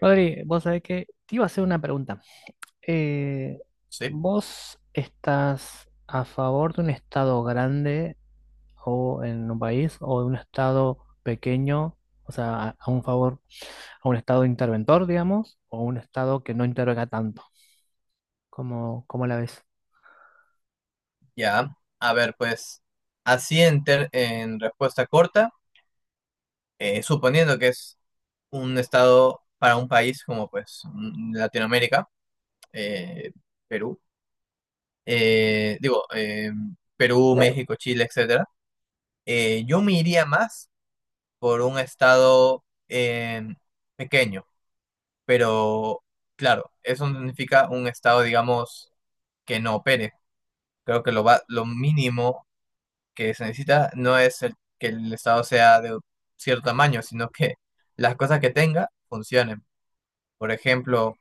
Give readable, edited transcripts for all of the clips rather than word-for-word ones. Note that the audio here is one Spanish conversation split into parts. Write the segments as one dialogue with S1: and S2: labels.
S1: Rodri, vos sabés que te iba a hacer una pregunta. Eh,
S2: Sí,
S1: ¿Vos estás a favor de un estado grande o en un país o de un estado pequeño? O sea, a un favor, a un estado interventor, digamos, o un estado que no intervenga tanto. ¿Cómo la ves?
S2: ya. A ver, pues, así en respuesta corta, suponiendo que es un estado para un país como pues Latinoamérica, eh, Perú, eh, digo, eh, Perú, México, Chile, etcétera, yo me iría más por un estado pequeño, pero claro, eso no significa un estado, digamos, que no opere. Creo que lo mínimo que se necesita no es que el Estado sea de cierto tamaño, sino que las cosas que tenga funcionen. Por ejemplo,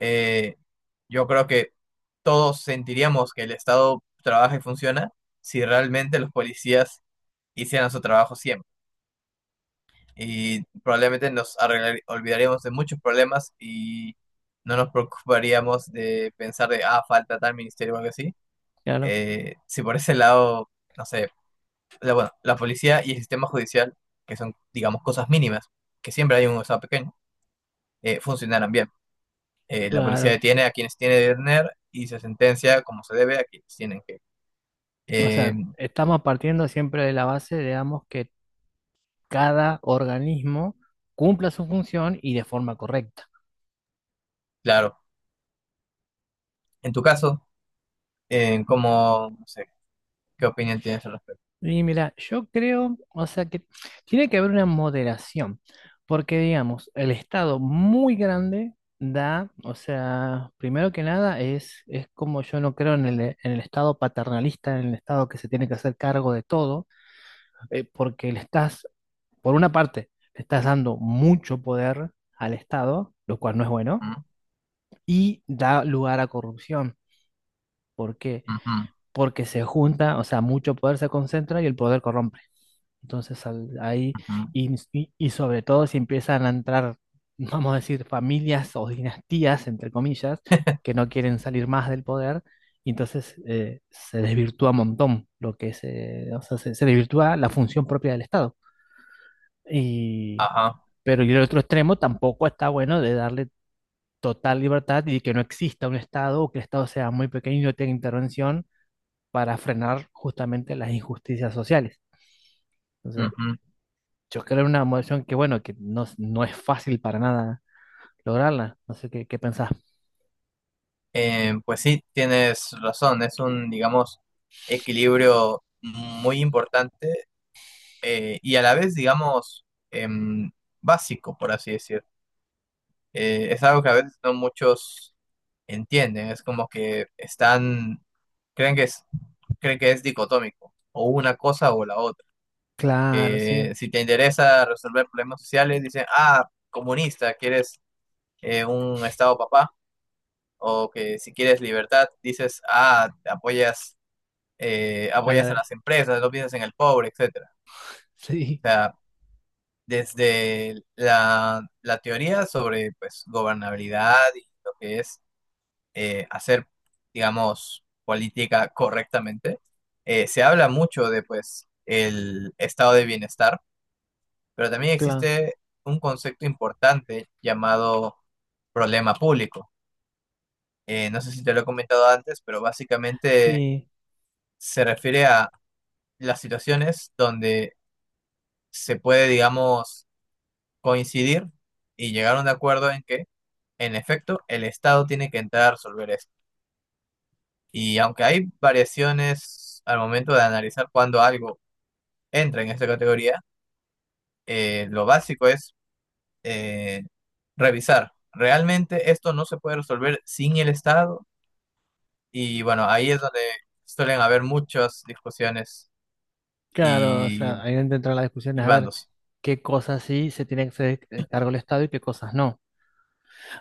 S2: eh, yo creo que todos sentiríamos que el Estado trabaja y funciona si realmente los policías hicieran su trabajo siempre. Y probablemente olvidaríamos de muchos problemas y no nos preocuparíamos de pensar de, ah, falta tal ministerio o algo así.
S1: Claro,
S2: Si por ese lado, no sé, bueno, la policía y el sistema judicial, que son, digamos, cosas mínimas, que siempre hay un Estado pequeño, funcionaran bien. La policía
S1: claro.
S2: detiene a quienes tiene que detener y se sentencia como se debe a quienes tienen que.
S1: O
S2: Eh,
S1: sea, estamos partiendo siempre de la base, digamos, que cada organismo cumpla su función y de forma correcta.
S2: claro, en tu caso, ¿cómo, no sé, qué opinión tienes al respecto?
S1: Y mira, yo creo, o sea que tiene que haber una moderación, porque digamos, el Estado muy grande da, o sea, primero que nada es como yo no creo en el Estado paternalista, en el Estado que se tiene que hacer cargo de todo, porque le estás, por una parte, le estás dando mucho poder al Estado, lo cual no es bueno,
S2: Mm,
S1: y da lugar a corrupción. ¿Por qué?
S2: ujú,
S1: Porque se junta, o sea, mucho poder se concentra y el poder corrompe. Entonces ahí,
S2: ujú,
S1: y sobre todo si empiezan a entrar, vamos a decir, familias o dinastías, entre comillas, que no quieren salir más del poder, y entonces se desvirtúa un montón lo que se, o sea, se desvirtúa la función propia del Estado. Y,
S2: ajá,
S1: pero y el otro extremo tampoco está bueno de darle total libertad y que no exista un Estado o que el Estado sea muy pequeño y no tenga intervención para frenar justamente las injusticias sociales. Entonces,
S2: ujú.
S1: yo creo una emoción que, bueno, que no, no es fácil para nada lograrla. No sé qué pensás.
S2: Pues sí, tienes razón, es un, digamos, equilibrio muy importante y a la vez, digamos, básico, por así decir. Es algo que a veces no muchos entienden. Es como que están, creen que es, creen que es dicotómico, o una cosa o la otra.
S1: Claro, sí.
S2: Si te interesa resolver problemas sociales, dicen, ah, comunista, quieres un estado papá, o que si quieres libertad, dices, ah, apoyas,
S1: A la
S2: apoyas a
S1: vez.
S2: las empresas, no piensas en el pobre, etcétera. O
S1: Sí,
S2: sea, desde la teoría sobre pues gobernabilidad y lo que es eh, hacer, digamos, política correctamente. Se habla mucho de, pues, el estado de bienestar, pero también
S1: claro.
S2: existe un concepto importante llamado problema público. No sé si te lo he comentado antes, pero básicamente
S1: Sí,
S2: se refiere a las situaciones donde se puede, digamos, coincidir y llegar a un acuerdo en que, en efecto, el Estado tiene que entrar a resolver esto. Y aunque hay variaciones al momento de analizar cuándo algo entra en esta categoría, lo básico es eh, revisar. Realmente esto no se puede resolver sin el Estado y bueno, ahí es donde suelen haber muchas discusiones
S1: claro. O
S2: y,
S1: sea, ahí dentro de las discusiones,
S2: y
S1: a ver
S2: bandos.
S1: qué cosas sí se tiene que hacer cargo el Estado y qué cosas no.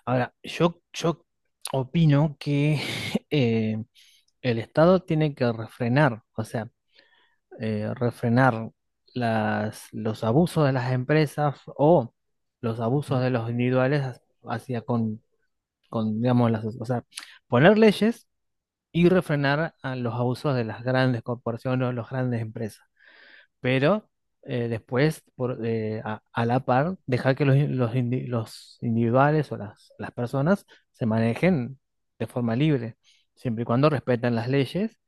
S1: Ahora, yo opino que eh, el Estado tiene que refrenar, o sea, refrenar los abusos de las empresas o los abusos
S2: Ujú.
S1: de los individuales hacia con digamos, o sea, poner leyes y refrenar a los abusos de las grandes corporaciones o las grandes empresas. Pero después, a la par, dejar que los individuales o las personas se manejen de forma libre, siempre y cuando respetan las leyes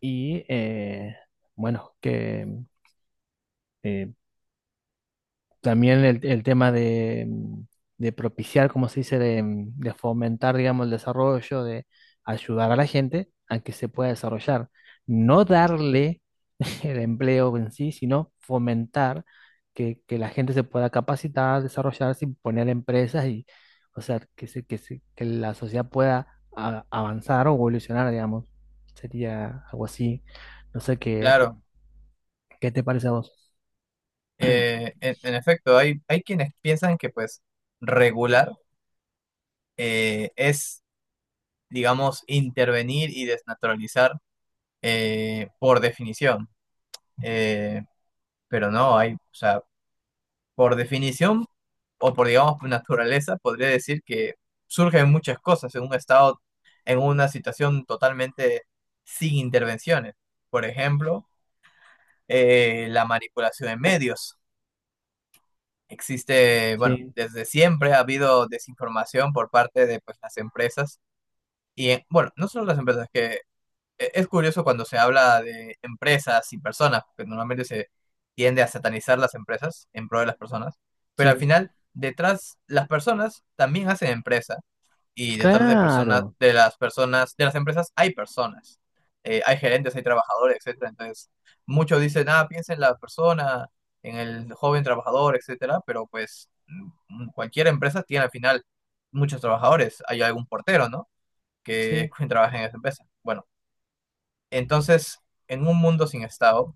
S1: y, bueno, que eh, también el tema de, de propiciar, como se dice, de, de fomentar, digamos, el desarrollo, de ayudar a la gente a que se pueda desarrollar. No darle el empleo en sí, sino fomentar que la gente se pueda capacitar, desarrollarse y poner empresas y, o sea, que la sociedad pueda avanzar o evolucionar, digamos. Sería algo así. No sé
S2: Claro,
S1: qué te parece a vos.
S2: en efecto, hay quienes piensan que pues regular es, digamos, intervenir y desnaturalizar por definición. Eh, pero no hay, o sea, por definición o por, digamos, por naturaleza, podría decir que surgen muchas cosas en un estado, en una situación totalmente sin intervenciones. Por ejemplo, la manipulación de medios. Existe, bueno,
S1: Sí,
S2: desde siempre ha habido desinformación por parte de pues, las empresas y, bueno, no solo las empresas, que es curioso cuando se habla de empresas y personas, porque normalmente se tiende a satanizar las empresas en pro de las personas, pero al
S1: sí.
S2: final detrás las personas también hacen empresa y detrás de personas
S1: Claro,
S2: de las empresas hay personas. Hay gerentes, hay trabajadores, etcétera. Entonces, muchos dicen, "Ah, piensa en la persona, en el joven trabajador, etcétera", pero pues cualquier empresa tiene al final muchos trabajadores, hay algún portero, ¿no? que
S1: sí.
S2: trabaja en esa empresa. Bueno, entonces, en un mundo sin Estado,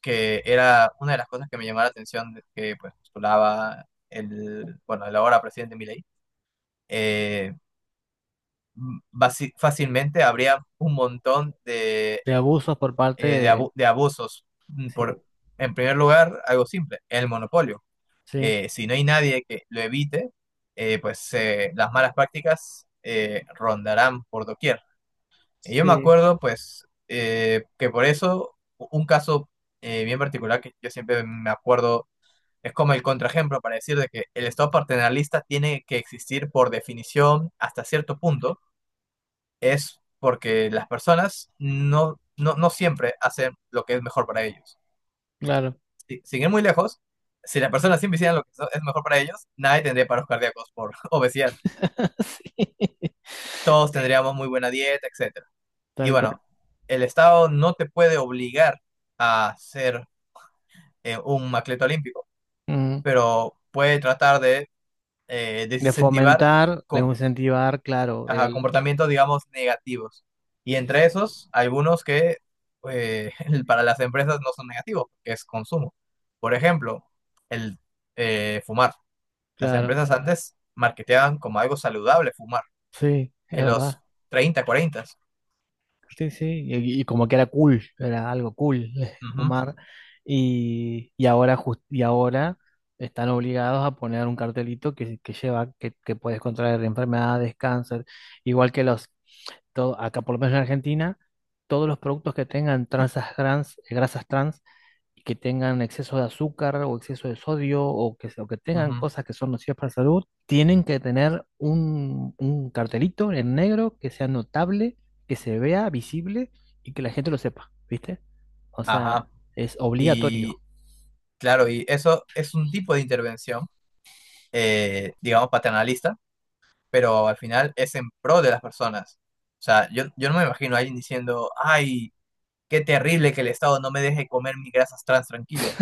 S2: que era una de las cosas que me llamó la atención, de que pues postulaba el, bueno, el ahora presidente Milei, eh, fácilmente habría un montón de,
S1: De abusos por parte de...
S2: de abusos.
S1: Sí,
S2: Por, en primer lugar, algo simple, el monopolio.
S1: sí,
S2: Si no hay nadie que lo evite, las malas prácticas rondarán por doquier. Y yo me
S1: sí,
S2: acuerdo, pues, que por eso u- un caso bien particular que yo siempre me acuerdo es como el contraejemplo para decir de que el Estado paternalista tiene que existir por definición hasta cierto punto, es porque las personas no siempre hacen lo que es mejor para ellos.
S1: claro.
S2: Sin ir muy lejos, si las personas siempre hicieran lo que es mejor para ellos, nadie tendría paros cardíacos por obesidad.
S1: Sí,
S2: Todos
S1: sí,
S2: tendríamos muy buena dieta, etc. Y
S1: tal
S2: bueno,
S1: cual.
S2: el Estado no te puede obligar a ser un atleta olímpico,
S1: Ujú.
S2: pero puede tratar de
S1: De
S2: desincentivar
S1: fomentar, de
S2: co-
S1: incentivar, claro,
S2: ajá,
S1: el...
S2: comportamientos, digamos, negativos. Y
S1: Sí,
S2: entre
S1: sí.
S2: esos, algunos que eh, para las empresas no son negativos, que es consumo. Por ejemplo, el fumar. Las
S1: Claro,
S2: empresas antes marketeaban como algo saludable fumar
S1: sí, es
S2: en los
S1: verdad.
S2: 30, 40.
S1: Sí, sí, y como que era cool, era algo cool
S2: Ujú,
S1: fumar. Y ahora y ahora están obligados a poner un cartelito que lleva que puedes contraer enfermedades, cáncer, igual que los todo, acá por lo menos en Argentina, todos los productos que tengan grasas trans y que tengan exceso de azúcar o exceso de sodio o o que tengan
S2: ujú,
S1: cosas que son nocivas para la salud, tienen que tener un cartelito en negro que sea notable, que se vea visible y que la gente lo sepa, ¿viste? O sea,
S2: ajá.
S1: es obligatorio.
S2: Y Claro, y eso es un tipo de intervención, digamos, paternalista, pero al final es en pro de las personas. O sea, yo no me imagino a alguien diciendo, ay, qué terrible que el Estado no me deje comer mis grasas trans tranquilo.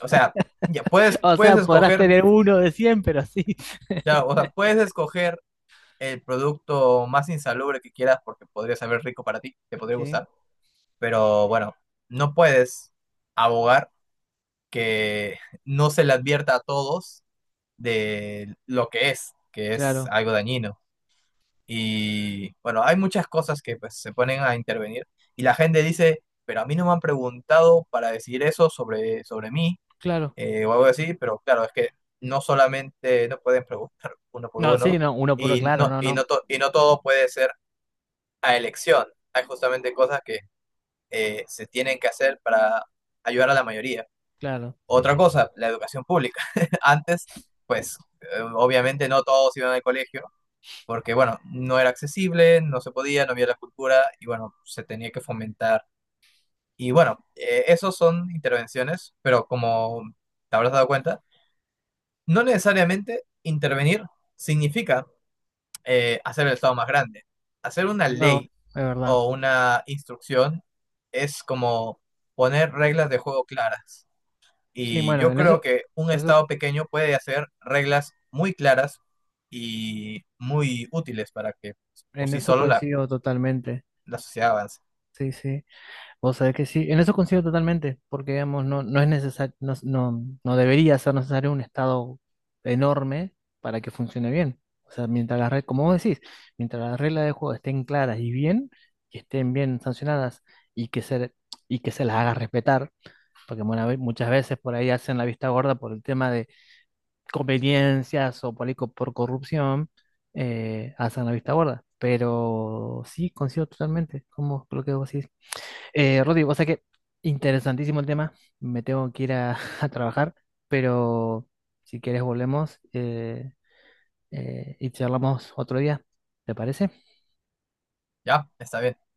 S2: O sea, ya puedes,
S1: O
S2: puedes
S1: sea, podrás
S2: escoger,
S1: tener uno de 100 pero sí.
S2: ya, o sea, puedes escoger el producto más insalubre que quieras porque podría saber rico para ti, te podría
S1: Sí,
S2: gustar, pero bueno, no puedes abogar que no se le advierta a todos de lo que es
S1: claro,
S2: algo dañino. Y bueno, hay muchas cosas que pues, se ponen a intervenir y la gente dice, pero a mí no me han preguntado para decir eso sobre, sobre mí
S1: claro.
S2: o algo así, pero claro, es que no solamente no pueden preguntar uno por
S1: No, sí,
S2: uno
S1: no, uno por uno, claro, no, no,
S2: y no todo puede ser a elección. Hay justamente cosas que se tienen que hacer para ayudar a la mayoría.
S1: claro. Sí,
S2: Otra
S1: sí.
S2: cosa, la educación pública. Antes, pues obviamente no todos iban al colegio, porque bueno, no era accesible, no se podía, no había la cultura y bueno, se tenía que fomentar. Y bueno, esos son intervenciones, pero como te habrás dado cuenta, no necesariamente intervenir significa hacer el Estado más grande. Hacer una
S1: No,
S2: ley
S1: es verdad.
S2: o una instrucción es como poner reglas de juego claras.
S1: Sí,
S2: Y
S1: bueno,
S2: yo
S1: en
S2: creo
S1: eso,
S2: que un
S1: eso,
S2: Estado pequeño puede hacer reglas muy claras y muy útiles para que pues, por
S1: en
S2: sí
S1: eso
S2: solo
S1: coincido totalmente.
S2: la sociedad avance.
S1: Sí, sí. Vos sabés que sí, en eso coincido totalmente, porque digamos, no, no es necesario, no, no, no debería ser necesario un estado enorme para que funcione bien. O sea, mientras las reglas, como vos decís, mientras las reglas de juego estén claras y bien, que estén bien sancionadas y que se, y que se las haga respetar, porque bueno, muchas veces por ahí hacen la vista gorda por el tema conveniencias o por, ahí co- por corrupción hacen la vista gorda. Pero sí, coincido totalmente como lo que vos decís. Rodrigo, o sea que interesantísimo el tema. Me tengo que ir a, a trabajar, pero si quieres volvemos y charlamos otro día. ¿Te parece?
S2: Ya, está bien.